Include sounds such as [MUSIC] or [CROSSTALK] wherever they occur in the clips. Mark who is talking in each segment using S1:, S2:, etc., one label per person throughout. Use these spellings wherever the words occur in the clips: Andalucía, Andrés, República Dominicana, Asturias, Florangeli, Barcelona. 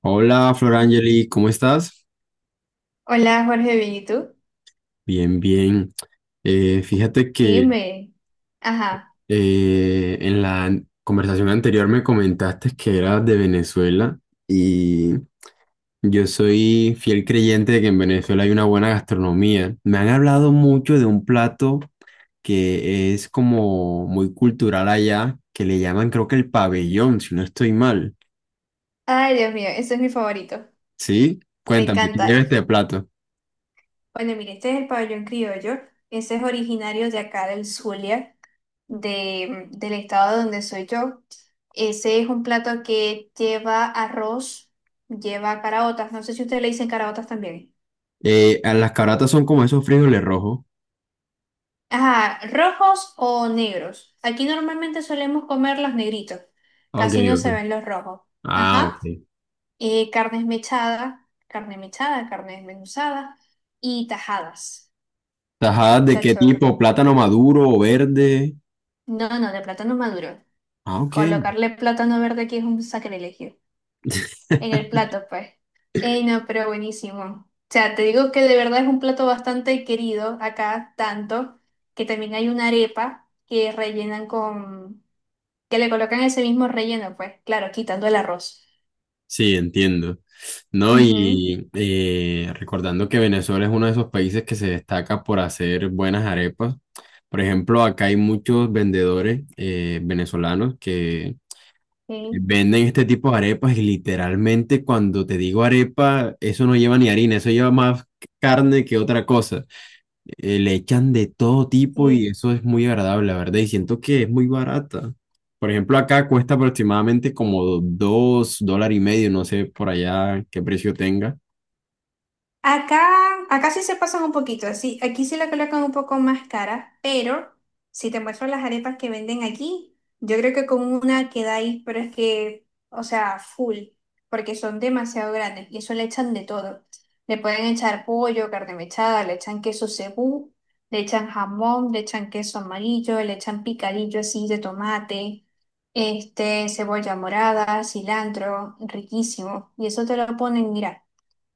S1: Hola, Florangeli, ¿cómo estás?
S2: Hola Jorge, bien, ¿y tú?
S1: Bien, bien. Fíjate que
S2: Dime. Ajá.
S1: en la conversación anterior me comentaste que eras de Venezuela y yo soy fiel creyente de que en Venezuela hay una buena gastronomía. Me han hablado mucho de un plato que es como muy cultural allá, que le llaman creo que el pabellón, si no estoy mal.
S2: Ay, Dios mío, ese es mi favorito.
S1: ¿Sí?
S2: Me
S1: Cuéntame, ¿qué
S2: encanta.
S1: lleva este plato?
S2: Bueno, mire, este es el pabellón criollo. Ese es originario de acá del Zulia, del estado donde soy yo. Ese es un plato que lleva arroz, lleva caraotas. No sé si ustedes le dicen caraotas también.
S1: Las caratas son como esos frijoles rojos.
S2: Ajá, rojos o negros. Aquí normalmente solemos comer los negritos.
S1: Ok,
S2: Casi no
S1: ok.
S2: se ven los rojos.
S1: Ah,
S2: Ajá.
S1: ok.
S2: Carne mechada, carne desmenuzada y tajadas.
S1: ¿Tajadas de qué
S2: Muchacho,
S1: tipo? ¿Plátano maduro o verde?
S2: no, no, de plátano maduro.
S1: Ah, ok.
S2: Colocarle plátano verde aquí es un sacrilegio. En el plato, pues. Ey, no, pero buenísimo. O sea, te digo que de verdad es un plato bastante querido acá, tanto que también hay una arepa que que le colocan ese mismo relleno, pues, claro, quitando el arroz.
S1: Sí, entiendo. No,
S2: Ujú,
S1: y recordando que Venezuela es uno de esos países que se destaca por hacer buenas arepas. Por ejemplo, acá hay muchos vendedores venezolanos que
S2: sí,
S1: venden este tipo de arepas y literalmente cuando te digo arepa, eso no lleva ni harina, eso lleva más carne que otra cosa. Le echan de todo tipo y
S2: sí.
S1: eso es muy agradable, la verdad. Y siento que es muy barata. Por ejemplo, acá cuesta aproximadamente como $2,50, no sé por allá qué precio tenga.
S2: Acá, acá sí se pasan un poquito, así, aquí sí la colocan un poco más cara, pero si te muestro las arepas que venden aquí, yo creo que con una queda ahí, pero es que, o sea, full, porque son demasiado grandes y eso le echan de todo. Le pueden echar pollo, carne mechada, le echan queso cebú, le echan jamón, le echan queso amarillo, le echan picadillo así de tomate, este, cebolla morada, cilantro, riquísimo. Y eso te lo ponen, mira,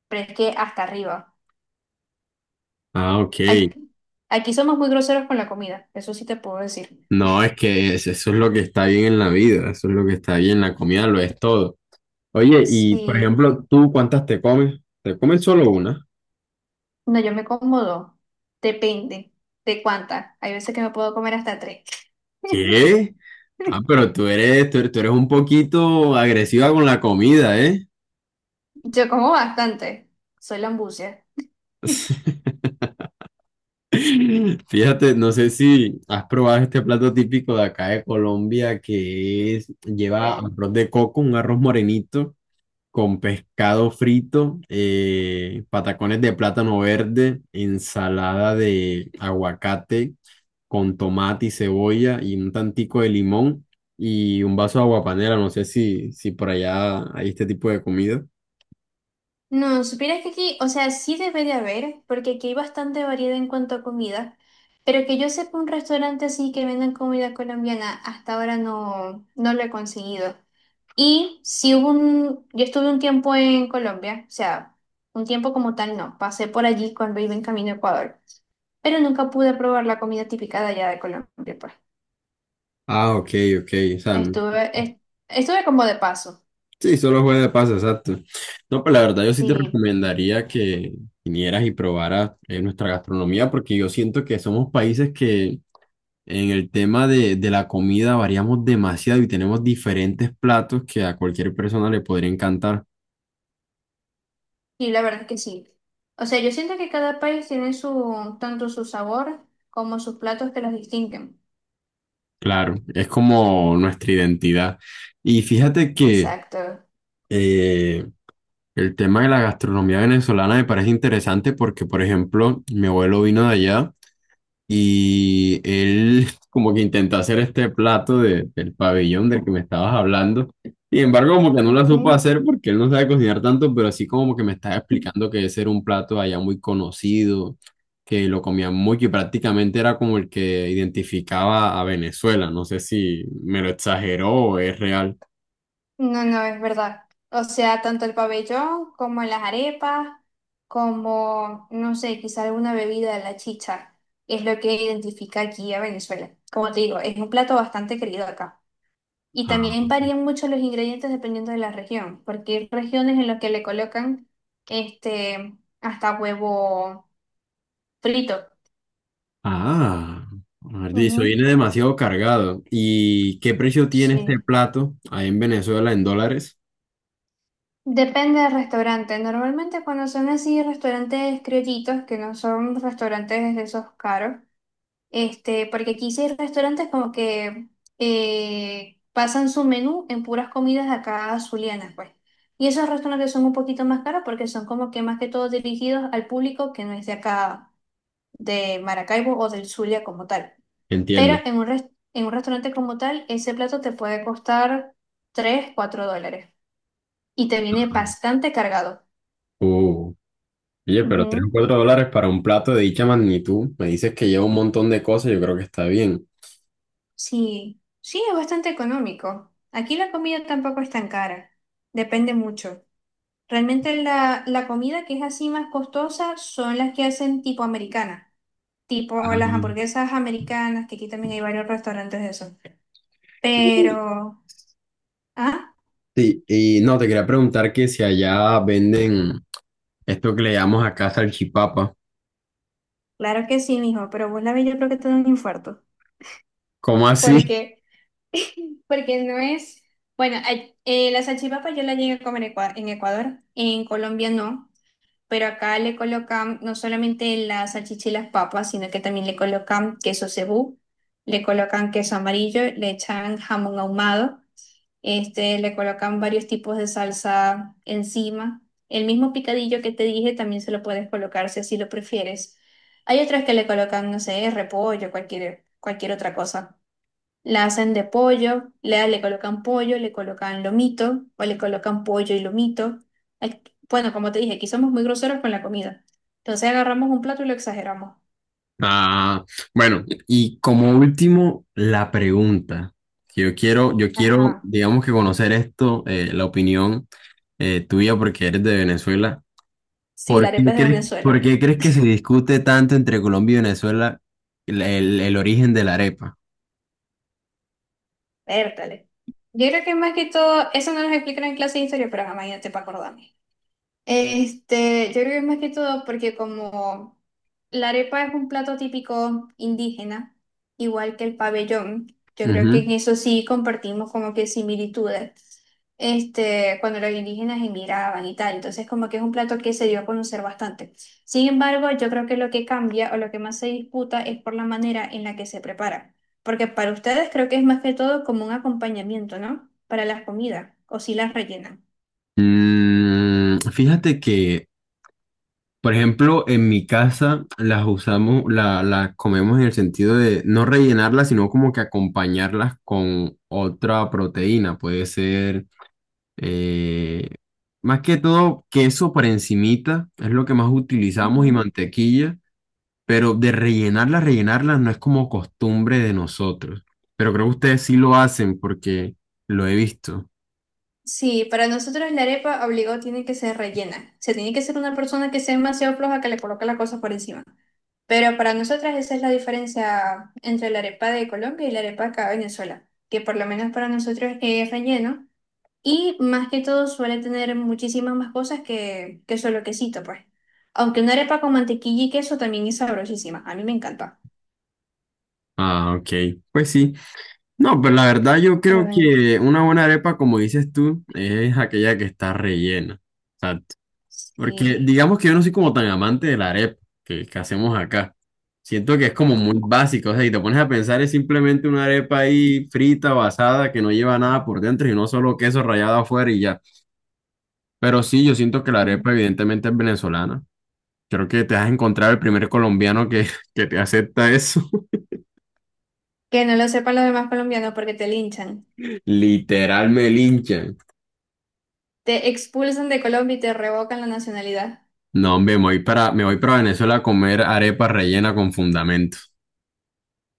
S2: pero es que hasta arriba.
S1: Ah, ok.
S2: Aquí, aquí somos muy groseros con la comida, eso sí te puedo decir.
S1: No, es que eso es lo que está bien en la vida, eso es lo que está bien, la comida lo es todo. Oye, y por
S2: Sí,
S1: ejemplo, ¿tú cuántas te comes? ¿Te comes solo una?
S2: no, yo me como dos, depende de cuánta. Hay veces que me puedo comer hasta tres. [LAUGHS]
S1: ¿Qué? Ah, pero tú eres un poquito agresiva con la comida, ¿eh?
S2: Yo como bastante, soy lambucia.
S1: [LAUGHS] [LAUGHS] Fíjate, no sé si has probado este plato típico de acá de Colombia que es, lleva
S2: Bueno. [LAUGHS]
S1: arroz de coco, un arroz morenito con pescado frito, patacones de plátano verde, ensalada de aguacate con tomate y cebolla y un tantico de limón y un vaso de aguapanela. No sé si por allá hay este tipo de comida.
S2: No, supieras que aquí, o sea, sí debe de haber, porque aquí hay bastante variedad en cuanto a comida, pero que yo sepa un restaurante así que vendan comida colombiana, hasta ahora no, no lo he conseguido. Y si hubo un, yo estuve un tiempo en Colombia, o sea, un tiempo como tal no, pasé por allí cuando iba en camino a Ecuador, pero nunca pude probar la comida típica de allá de Colombia, pues.
S1: Ah, ok, ok. O sea,
S2: Estuve, es- estuve como de paso,
S1: sí, solo juega de paso, exacto. No, pues la verdad yo sí te
S2: sí,
S1: recomendaría que vinieras y probaras nuestra gastronomía porque yo siento que somos países que en el tema de la comida variamos demasiado y tenemos diferentes platos que a cualquier persona le podría encantar.
S2: y la verdad es que sí. O sea, yo siento que cada país tiene su, tanto su sabor como sus platos que los distinguen.
S1: Claro, es como nuestra identidad. Y fíjate que
S2: Exacto.
S1: eh, el tema de la gastronomía venezolana me parece interesante porque, por ejemplo, mi abuelo vino de allá. Y él como que intentó hacer este plato del pabellón del que me estabas hablando. Sin embargo, como que no lo
S2: Ok.
S1: supo hacer porque él no sabe cocinar tanto, pero así como que me estaba explicando que ese era un plato allá muy conocido, que lo comían mucho y prácticamente era como el que identificaba a Venezuela. No sé si me lo exageró o es real.
S2: No, no, es verdad. O sea, tanto el pabellón como las arepas, como, no sé, quizá alguna bebida la chicha, es lo que identifica aquí a Venezuela. Como te digo, es un plato bastante querido acá. Y
S1: Ah,
S2: también
S1: ok.
S2: varían mucho los ingredientes dependiendo de la región, porque hay regiones en las que le colocan este, hasta huevo frito.
S1: Ah, eso
S2: Ujú,
S1: viene demasiado cargado. ¿Y qué precio tiene este
S2: sí.
S1: plato ahí en Venezuela en dólares?
S2: Depende del restaurante. Normalmente cuando son así restaurantes criollitos, que no son restaurantes de esos caros, este, porque aquí sí hay restaurantes como que pasan su menú en puras comidas acá azulianas, pues. Y esos restaurantes son un poquito más caros porque son como que más que todo dirigidos al público que no es de acá, de Maracaibo o del Zulia como tal. Pero
S1: Entiendo.
S2: en un, res- en un restaurante como tal, ese plato te puede costar $3 o $4. Y te viene bastante cargado.
S1: Uh, oye, pero 3 o
S2: Ujú.
S1: 4 dólares para un plato de dicha magnitud, me dices que lleva un montón de cosas, yo creo que está bien.
S2: Sí, sí, es bastante económico. Aquí la comida tampoco es tan cara. Depende mucho. Realmente la comida que es así más costosa son las que hacen tipo americana, tipo las
S1: Ah.
S2: hamburguesas americanas, que aquí también hay varios restaurantes de eso.
S1: Y-
S2: Pero, ah,
S1: sí, y no, te quería preguntar que si allá venden esto que le llamamos acá salchipapa.
S2: claro que sí, mijo, pero vos la ves, yo creo que te da un infarto.
S1: ¿Cómo así? [LAUGHS]
S2: Porque, [LAUGHS] porque no es, bueno, la salchipapa yo la llegué a comer en en Ecuador, en Colombia no. Pero acá le colocan no solamente las salchicha y las papas, sino que también le colocan queso cebú, le colocan queso amarillo, le echan jamón ahumado, este, le colocan varios tipos de salsa encima. El mismo picadillo que te dije también se lo puedes colocar si así lo prefieres. Hay otras que le colocan, no sé, repollo, cualquier otra cosa. La hacen de pollo, le colocan pollo, le colocan lomito o le colocan pollo y lomito. Aquí. Bueno, como te dije, aquí somos muy groseros con la comida. Entonces agarramos un plato y lo exageramos.
S1: Ah, bueno, y como último, la pregunta. Que Yo quiero,
S2: Ajá.
S1: digamos que conocer esto, la opinión tuya, porque eres de Venezuela.
S2: Sí, la arepa es de
S1: ¿Por
S2: Venezuela.
S1: qué crees que se discute tanto entre Colombia y Venezuela el origen de la arepa?
S2: Vértale. Yo creo que más que todo, eso no nos explican en clase de historia, pero jamás te para acordarme. Este, yo creo que es más que todo porque como la arepa es un plato típico indígena, igual que el pabellón, yo creo que en
S1: Ujú.
S2: eso sí compartimos como que similitudes. Este, cuando los indígenas emigraban y tal, entonces como que es un plato que se dio a conocer bastante. Sin embargo, yo creo que lo que cambia o lo que más se disputa es por la manera en la que se prepara, porque para ustedes creo que es más que todo como un acompañamiento, ¿no? Para las comidas, o si las rellenan.
S1: Mm, fíjate que, por ejemplo, en mi casa las usamos, las comemos en el sentido de no rellenarlas, sino como que acompañarlas con otra proteína. Puede ser, eh, más que todo, queso por encimita, es lo que más utilizamos y mantequilla. Pero de rellenarlas no es como costumbre de nosotros. Pero creo que ustedes sí lo hacen porque lo he visto.
S2: Sí, para nosotros la arepa obligado tiene que ser rellena. Se tiene que ser una persona que sea demasiado floja que le coloque la cosa por encima. Pero para nosotras esa es la diferencia entre la arepa de Colombia y la arepa acá de Venezuela, que por lo menos para nosotros es relleno y más que todo suele tener muchísimas más cosas que solo quesito, pues. Aunque una arepa con mantequilla y queso también es sabrosísima, a mí me encanta.
S1: Ah, ok. Pues sí. No, pero la verdad yo
S2: Pero
S1: creo
S2: bueno,
S1: que una buena arepa, como dices tú, es aquella que está rellena. Exacto. Porque
S2: sí.
S1: digamos que yo no soy como tan amante de la arepa que hacemos acá. Siento que es como muy básico. O sea, si te pones a pensar es simplemente una arepa ahí frita o asada que no lleva nada por dentro y no solo queso rallado afuera y ya. Pero sí, yo siento que la arepa
S2: Mm.
S1: evidentemente es venezolana. Creo que te has encontrado el primer colombiano que, [LAUGHS] que te acepta eso.
S2: Que no lo sepan los demás colombianos porque te linchan.
S1: [LAUGHS] Literal me linchan.
S2: Te expulsan de Colombia y te revocan la nacionalidad.
S1: No, hombre, me voy me voy para Venezuela a comer arepa rellena con fundamento.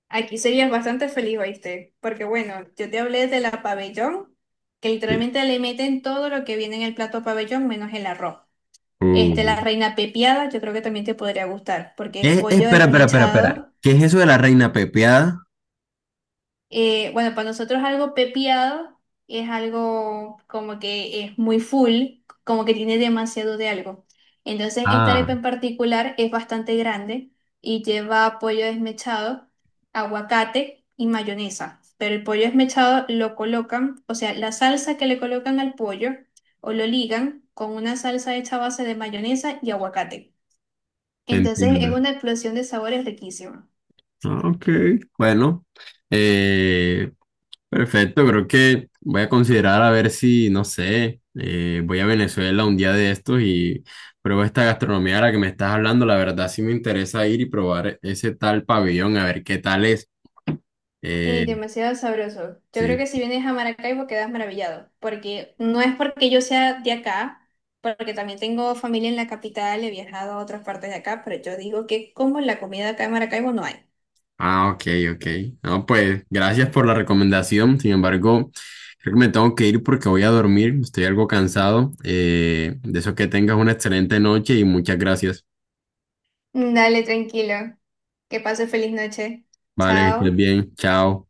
S2: Aquí serías bastante feliz, ¿oíste? Porque bueno, yo te hablé de la pabellón, que
S1: Sí.
S2: literalmente le meten todo lo que viene en el plato pabellón menos el arroz. Este,
S1: Uh.
S2: la reina pepiada, yo creo que también te podría gustar, porque es pollo
S1: Espera.
S2: desmechado.
S1: ¿Qué es eso de la reina pepeada?
S2: Bueno, para nosotros algo pepiado es algo como que es muy full, como que tiene demasiado de algo. Entonces, esta
S1: Ah,
S2: arepa en particular es bastante grande y lleva pollo desmechado, aguacate y mayonesa. Pero el pollo desmechado lo colocan, o sea, la salsa que le colocan al pollo o lo ligan con una salsa hecha a base de mayonesa y aguacate. Entonces, es
S1: entiendo.
S2: una explosión de sabores riquísima.
S1: Ah, ok, bueno. eh, Perfecto, creo que voy a considerar a ver si, no sé, voy a Venezuela un día de estos y pruebo esta gastronomía de la que me estás hablando. La verdad sí me interesa ir y probar ese tal pabellón, a ver qué tal es. Eh,
S2: Y demasiado sabroso. Yo creo
S1: sí.
S2: que si vienes a Maracaibo quedas maravillado, porque no es porque yo sea de acá, porque también tengo familia en la capital, he viajado a otras partes de acá, pero yo digo que como la comida acá en Maracaibo no hay.
S1: Ah, ok, ok. No, pues gracias por la recomendación. Sin embargo, creo que me tengo que ir porque voy a dormir. Estoy algo cansado. De eso que tengas una excelente noche y muchas gracias.
S2: Dale, tranquilo. Que pase feliz noche.
S1: Vale, que estés
S2: Chao.
S1: bien. Chao.